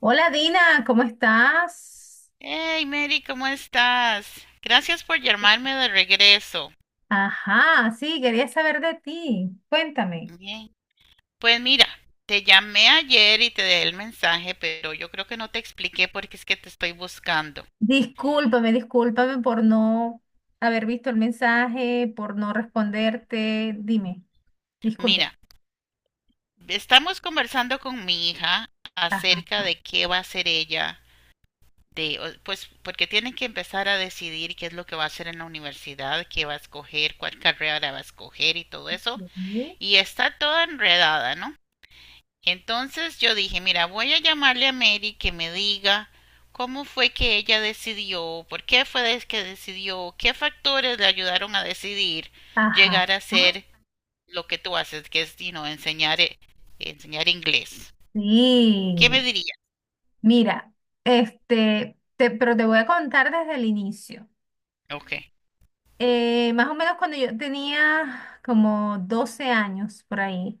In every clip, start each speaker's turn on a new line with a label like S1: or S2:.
S1: Hola Dina, ¿cómo estás?
S2: Hey Mary, ¿cómo estás? Gracias por llamarme de regreso.
S1: Ajá, sí, quería saber de ti. Cuéntame.
S2: Bien. Pues mira, te llamé ayer y te dejé el mensaje, pero yo creo que no te expliqué por qué es que te estoy buscando.
S1: Discúlpame por no haber visto el mensaje, por no responderte. Dime, disculpe.
S2: Mira, estamos conversando con mi hija
S1: Ajá,
S2: acerca
S1: ajá.
S2: de qué va a hacer ella, pues porque tiene que empezar a decidir qué es lo que va a hacer en la universidad, qué va a escoger, cuál carrera va a escoger y todo eso.
S1: Ok.
S2: Y está toda enredada, ¿no? Entonces yo dije, mira, voy a llamarle a Mary que me diga cómo fue que ella decidió, por qué fue que decidió, qué factores le ayudaron a decidir
S1: Ajá.
S2: llegar a
S1: Ajá.
S2: ser lo que tú haces, que es, enseñar inglés. ¿Qué me
S1: Sí.
S2: diría?
S1: Mira, pero te voy a contar desde el inicio.
S2: Ok.
S1: Más o menos cuando yo tenía como 12 años por ahí,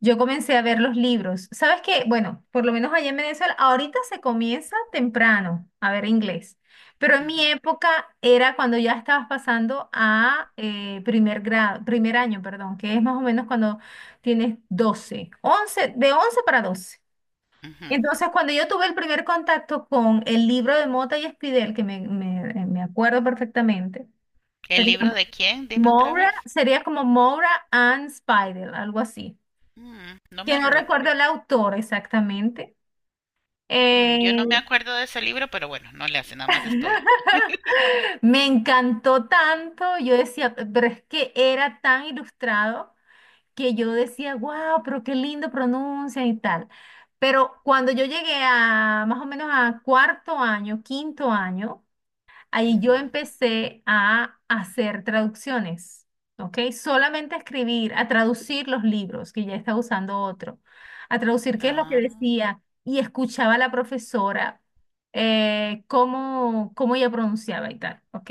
S1: yo comencé a ver los libros. ¿Sabes qué? Bueno, por lo menos allá en Venezuela, ahorita se comienza temprano a ver inglés, pero en mi
S2: Ujú,
S1: época era cuando ya estabas pasando a primer grado, primer año, perdón, que es más o menos cuando tienes 12, 11, de 11 para 12.
S2: ujú.
S1: Entonces, cuando yo tuve el primer contacto con el libro de Mota y Espidel, que me acuerdo perfectamente.
S2: ¿El libro de quién? Dime otra
S1: Moira
S2: vez.
S1: sería como Moira and Spider, algo así.
S2: No
S1: Que
S2: me
S1: no
S2: lo
S1: recuerdo
S2: acuerdo.
S1: el autor exactamente. Eh,
S2: Yo no me acuerdo de ese libro, pero bueno, no le hace, nada más estoy.
S1: me encantó tanto, yo decía, pero es que era tan ilustrado que yo decía, wow, pero qué lindo pronuncia y tal. Pero cuando yo llegué a más o menos a cuarto año, quinto año, ahí yo
S2: Ujú.
S1: empecé a hacer traducciones, ¿ok? Solamente a escribir, a traducir los libros, que ya estaba usando otro, a traducir qué es lo que
S2: Ah.
S1: decía y escuchaba a la profesora cómo, cómo ella pronunciaba y tal, ¿ok?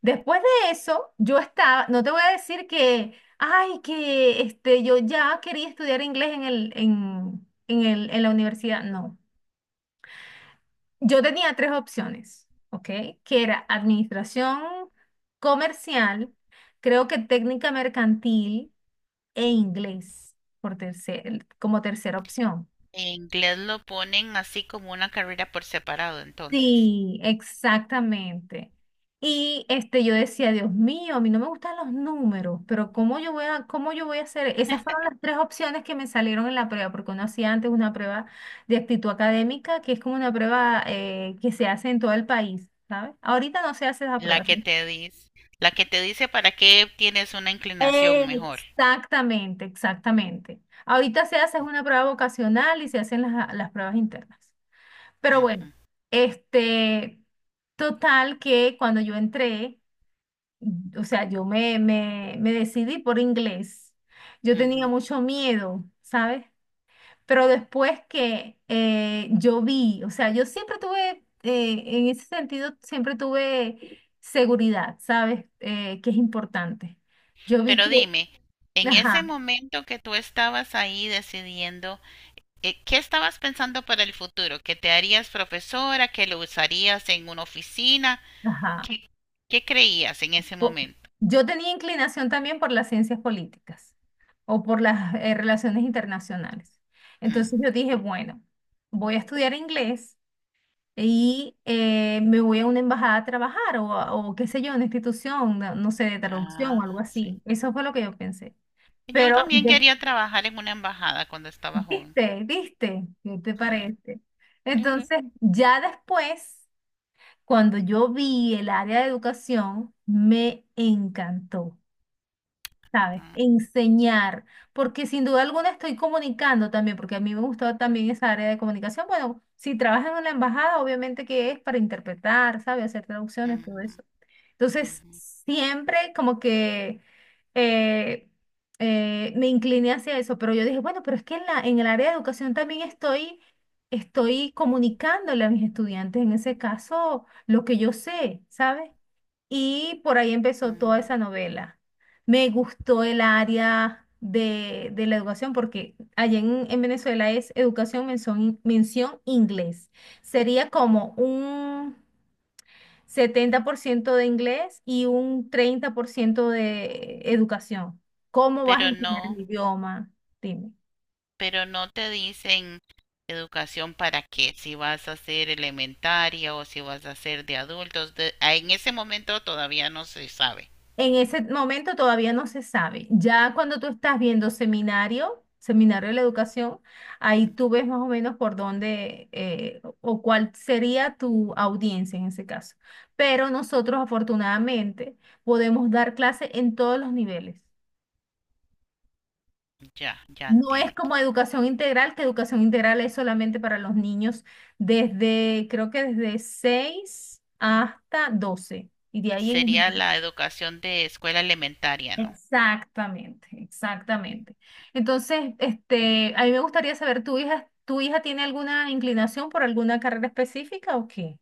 S1: Después de eso, yo estaba, no te voy a decir que, ay, que este, yo ya quería estudiar inglés en la universidad, no. Yo tenía tres opciones, ¿ok? Que era administración comercial, creo que técnica mercantil e inglés por tercer, como tercera opción.
S2: En inglés lo ponen así como una carrera por separado, entonces.
S1: Sí, exactamente. Y este, yo decía, Dios mío, a mí no me gustan los números, pero ¿cómo yo voy a, cómo yo voy a hacer? Esas fueron las tres opciones que me salieron en la prueba, porque uno hacía antes una prueba de actitud académica, que es como una prueba que se hace en todo el país, ¿sabes? Ahorita no se hace esa
S2: La
S1: prueba.
S2: que te dice, la que te dice para qué tienes una inclinación mejor.
S1: Exactamente, exactamente. Ahorita se hace una prueba vocacional y se hacen las pruebas internas. Pero bueno,
S2: Ujú,
S1: este, total que cuando yo entré, o sea, yo me decidí por inglés. Yo tenía
S2: ujú.
S1: mucho miedo, ¿sabes? Pero después que yo vi, o sea, yo siempre tuve, en ese sentido, siempre tuve seguridad, ¿sabes? Que es importante. Yo vi
S2: Pero
S1: que...
S2: dime, en ese
S1: Ajá.
S2: momento que tú estabas ahí decidiendo, ¿qué estabas pensando para el futuro? ¿Que te harías profesora? ¿Que lo usarías en una oficina?
S1: Ajá.
S2: ¿Qué, qué creías en ese
S1: Po-
S2: momento?
S1: Yo tenía inclinación también por las ciencias políticas o por las relaciones internacionales.
S2: Mm.
S1: Entonces yo dije, bueno, voy a estudiar inglés y me voy a una embajada a trabajar o qué sé yo, una institución, no, no sé, de traducción o algo
S2: Ah, sí.
S1: así. Eso fue lo que yo pensé.
S2: Yo
S1: Pero,
S2: también
S1: de-
S2: quería trabajar en una embajada cuando estaba joven.
S1: viste, viste, ¿qué te
S2: Sí.
S1: parece? Entonces, ya después, cuando yo vi el área de educación, me encantó. ¿Sabes? Enseñar, porque sin duda alguna estoy comunicando también, porque a mí me gustó también esa área de comunicación. Bueno, si trabajas en la embajada, obviamente que es para interpretar, ¿sabes? Hacer traducciones, todo
S2: Ujú,
S1: eso. Entonces,
S2: ujú,
S1: siempre como que eh, me incliné hacia eso, pero yo dije, bueno, pero es que en el área de educación también estoy comunicándole a mis estudiantes, en ese caso, lo que yo sé, ¿sabes? Y por ahí empezó toda
S2: ujú.
S1: esa novela. Me gustó el área de la educación porque allá en Venezuela es educación mención, mención inglés. Sería como un 70% de inglés y un 30% de educación. ¿Cómo vas a
S2: Pero
S1: enseñar
S2: no,
S1: el idioma?
S2: pero no te dicen educación para qué, si vas a hacer elementaria o si vas a hacer de adultos, ah, en ese momento todavía no se sabe.
S1: En ese momento todavía no se sabe. Ya cuando tú estás viendo seminario, seminario de la educación, ahí tú ves más o menos por dónde o cuál sería tu audiencia en ese caso. Pero nosotros afortunadamente podemos dar clase en todos los niveles.
S2: Ya, ya
S1: No es
S2: entiendo.
S1: como educación integral, que educación integral es solamente para los niños desde, creo que desde 6 hasta 12. Y de ahí ellos...
S2: Sería la educación de escuela elementaria, ¿no?
S1: Exactamente,
S2: Mm.
S1: exactamente. Entonces, este, a mí me gustaría saber, tu hija tiene alguna inclinación por alguna carrera específica o qué?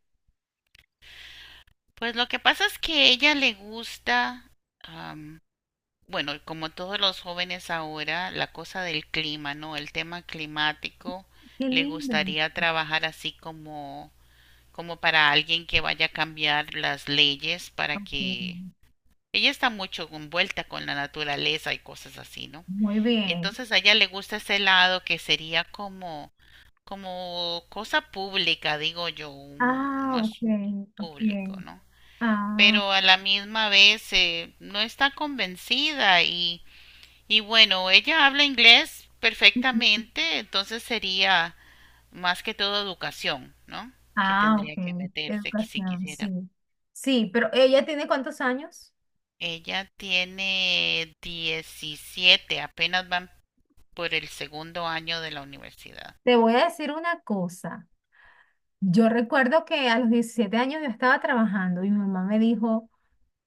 S2: Pues lo que pasa es que a ella le gusta, am, bueno, como todos los jóvenes ahora, la cosa del clima, ¿no? El tema climático,
S1: Qué
S2: le
S1: lindo.
S2: gustaría trabajar así como para alguien que vaya a cambiar las leyes para
S1: Ok.
S2: que ella está mucho envuelta con la naturaleza y cosas así, ¿no?
S1: Muy bien.
S2: Entonces a ella le gusta ese lado que sería como cosa pública, digo yo, un
S1: Ah, ok,
S2: asunto
S1: ok.
S2: público, ¿no?
S1: Ah,
S2: Pero a la misma vez no está convencida y bueno, ella habla inglés
S1: ujú.
S2: perfectamente, entonces sería más que todo educación, ¿no? Que
S1: Ah,
S2: tendría que
S1: ok.
S2: meterse que si
S1: Educación,
S2: quisiera.
S1: sí. Sí, pero ¿ella tiene cuántos años?
S2: Ella tiene 17. Apenas van por el segundo año de la universidad.
S1: Te voy a decir una cosa. Yo recuerdo que a los 17 años yo estaba trabajando y mi mamá me dijo,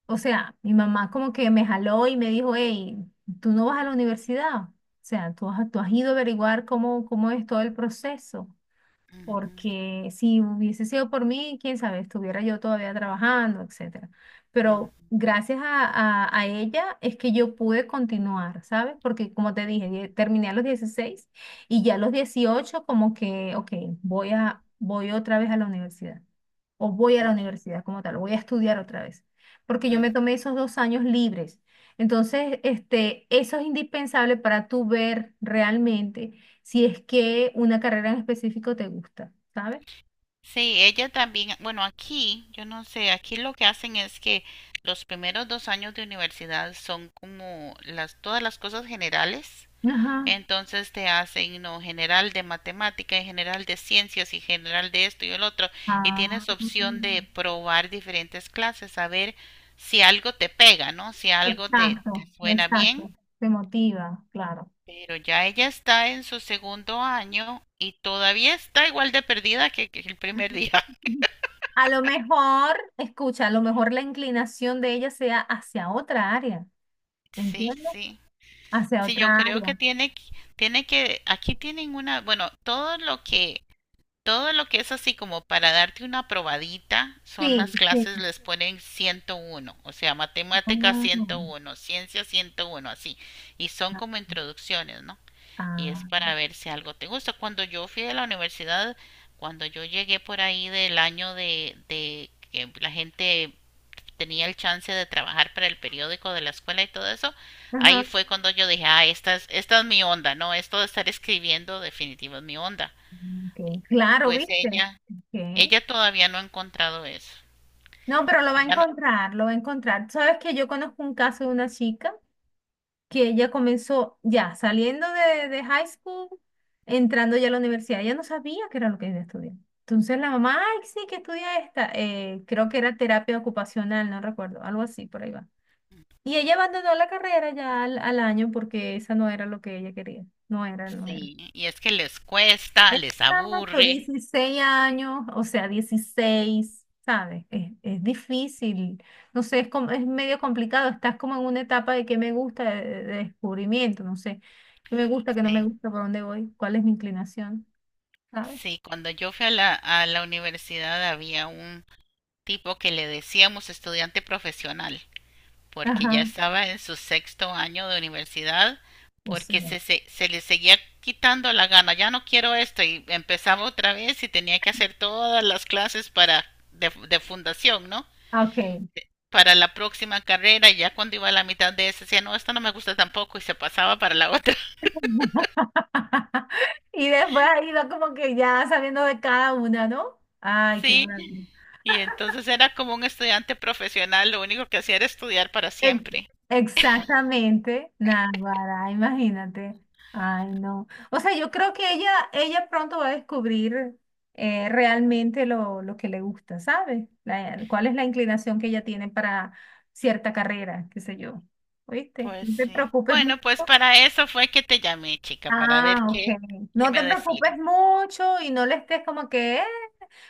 S1: o sea, mi mamá como que me jaló y me dijo, hey, tú no vas a la universidad. O sea, tú has ido a averiguar cómo, cómo es todo el proceso
S2: Ujú,
S1: porque si hubiese sido por mí, quién sabe, estuviera yo todavía trabajando, etcétera.
S2: mm,
S1: Pero gracias a ella es que yo pude continuar, ¿sabes? Porque como te dije, terminé a los 16 y ya a los 18 como que, ok, voy a, voy otra vez a la universidad o voy a la
S2: ya,
S1: universidad como tal, voy a estudiar otra vez, porque yo me
S2: mm.
S1: tomé esos 2 años libres. Entonces, este, eso es indispensable para tú ver realmente si es que una carrera en específico te gusta, ¿sabes?
S2: Sí, ella también, bueno, aquí, yo no sé, aquí lo que hacen es que los primeros 2 años de universidad son como todas las cosas generales.
S1: Ajá.
S2: Entonces te hacen no general de matemática y general de ciencias y general de esto y el otro y
S1: Ah,
S2: tienes opción de probar diferentes clases a ver si algo te pega, ¿no? Si algo te
S1: exacto,
S2: suena bien.
S1: exacto. Te motiva, claro.
S2: Pero ya ella está en su segundo año y todavía está igual de perdida que el primer día.
S1: A lo mejor, escucha, a lo mejor la inclinación de ella sea hacia otra área,
S2: Sí,
S1: ¿entiendes?
S2: sí.
S1: Hacia
S2: Sí, yo
S1: otra
S2: creo que
S1: área.
S2: tiene que, aquí tienen una, bueno, Todo lo que es así como para darte una probadita son
S1: Sí,
S2: las
S1: sí.
S2: clases, les ponen 101, o sea, matemática
S1: Ah,
S2: 101, ciencia 101, así. Y son como introducciones, ¿no? Y es
S1: ah,
S2: para ver si algo te gusta. Cuando yo fui a la universidad, cuando yo llegué por ahí del año de que la gente tenía el chance de trabajar para el periódico de la escuela y todo eso, ahí
S1: ajá.
S2: fue cuando yo dije, ah, esta es mi onda, ¿no? Esto de estar escribiendo definitivo es mi onda.
S1: Ok. Claro,
S2: Pues
S1: ¿viste?
S2: ella,
S1: Ok.
S2: ella todavía no ha encontrado eso.
S1: No, pero lo va a
S2: Y ya no,
S1: encontrar, lo va a encontrar. Sabes que yo conozco un caso de una chica que ella comenzó ya saliendo de high school, entrando ya a la universidad. Ella no sabía qué era lo que ella estudiaba. Entonces la mamá, ay, sí, que estudia esta. Creo que era terapia ocupacional, no recuerdo, algo así, por ahí va. Y ella abandonó la carrera ya al año porque esa no era lo que ella quería. No era, no era.
S2: sí, y es que les cuesta, les
S1: Exacto,
S2: aburre.
S1: 16 años, o sea, 16, ¿sabes? Es difícil, no sé, es, es medio complicado, estás como en una etapa de qué me gusta, de descubrimiento, no sé, qué me gusta, qué no me
S2: Sí,
S1: gusta, por dónde voy, cuál es mi inclinación, ¿sabes?
S2: sí, cuando yo fui a la universidad había un tipo que le decíamos estudiante profesional, porque ya
S1: Ajá,
S2: estaba en su sexto año de universidad,
S1: o
S2: porque
S1: sea,
S2: se le seguía quitando la gana, ya no quiero esto, y empezaba otra vez y tenía que hacer todas las clases para de fundación, ¿no?
S1: ah, ok.
S2: Para la próxima carrera, y ya cuando iba a la mitad de esa decía, no, esta no me gusta tampoco y se pasaba para la otra.
S1: Y después ha ido como que ya sabiendo de cada una, ¿no? Ay, qué
S2: Sí,
S1: maravilla.
S2: y entonces era como un estudiante profesional, lo único que hacía era estudiar para
S1: Ex-
S2: siempre.
S1: Exactamente, Navarra, imagínate. Ay, no. O sea, yo creo que ella pronto va a descubrir realmente lo que le gusta, ¿sabes? Cuál es la inclinación que ella tiene para cierta carrera, qué sé yo. ¿Oíste?
S2: Pues
S1: No te
S2: sí.
S1: preocupes.
S2: Bueno, pues para eso fue que te llamé, chica, para ver
S1: Ah, ok.
S2: qué
S1: No
S2: me
S1: te preocupes
S2: decías.
S1: mucho y no le estés como que, "Eh".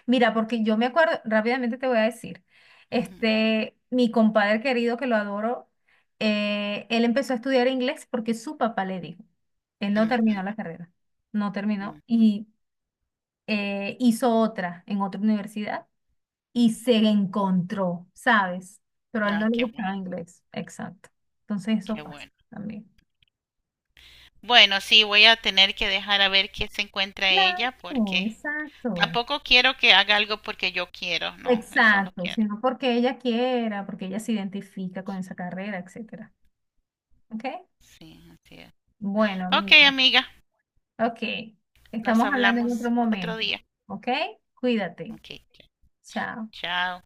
S1: Mira, porque yo me acuerdo, rápidamente te voy a decir,
S2: Ujú,
S1: este, mi compadre querido que lo adoro, él empezó a estudiar inglés porque su papá le dijo, él no
S2: ujú,
S1: terminó la carrera, no
S2: ujú.
S1: terminó y hizo otra en otra universidad y se encontró, ¿sabes? Pero a él no
S2: Ah,
S1: le
S2: qué
S1: gustaba
S2: bueno,
S1: inglés, exacto. Entonces eso
S2: qué
S1: pasa
S2: bueno.
S1: también.
S2: Bueno, sí, voy a tener que dejar a ver qué se encuentra ella
S1: Claro,
S2: porque
S1: exacto.
S2: tampoco quiero que haga algo porque yo quiero, no, eso no
S1: Exacto,
S2: quiero.
S1: sino porque ella quiera, porque ella se identifica con esa carrera, etcétera. ¿Ok?
S2: Sí, así es.
S1: Bueno,
S2: Ok,
S1: amiga.
S2: amiga,
S1: Ok.
S2: nos
S1: Estamos hablando en otro
S2: hablamos
S1: momento.
S2: otro día.
S1: ¿Ok? Cuídate.
S2: Ok, ok.
S1: Chao.
S2: Chao.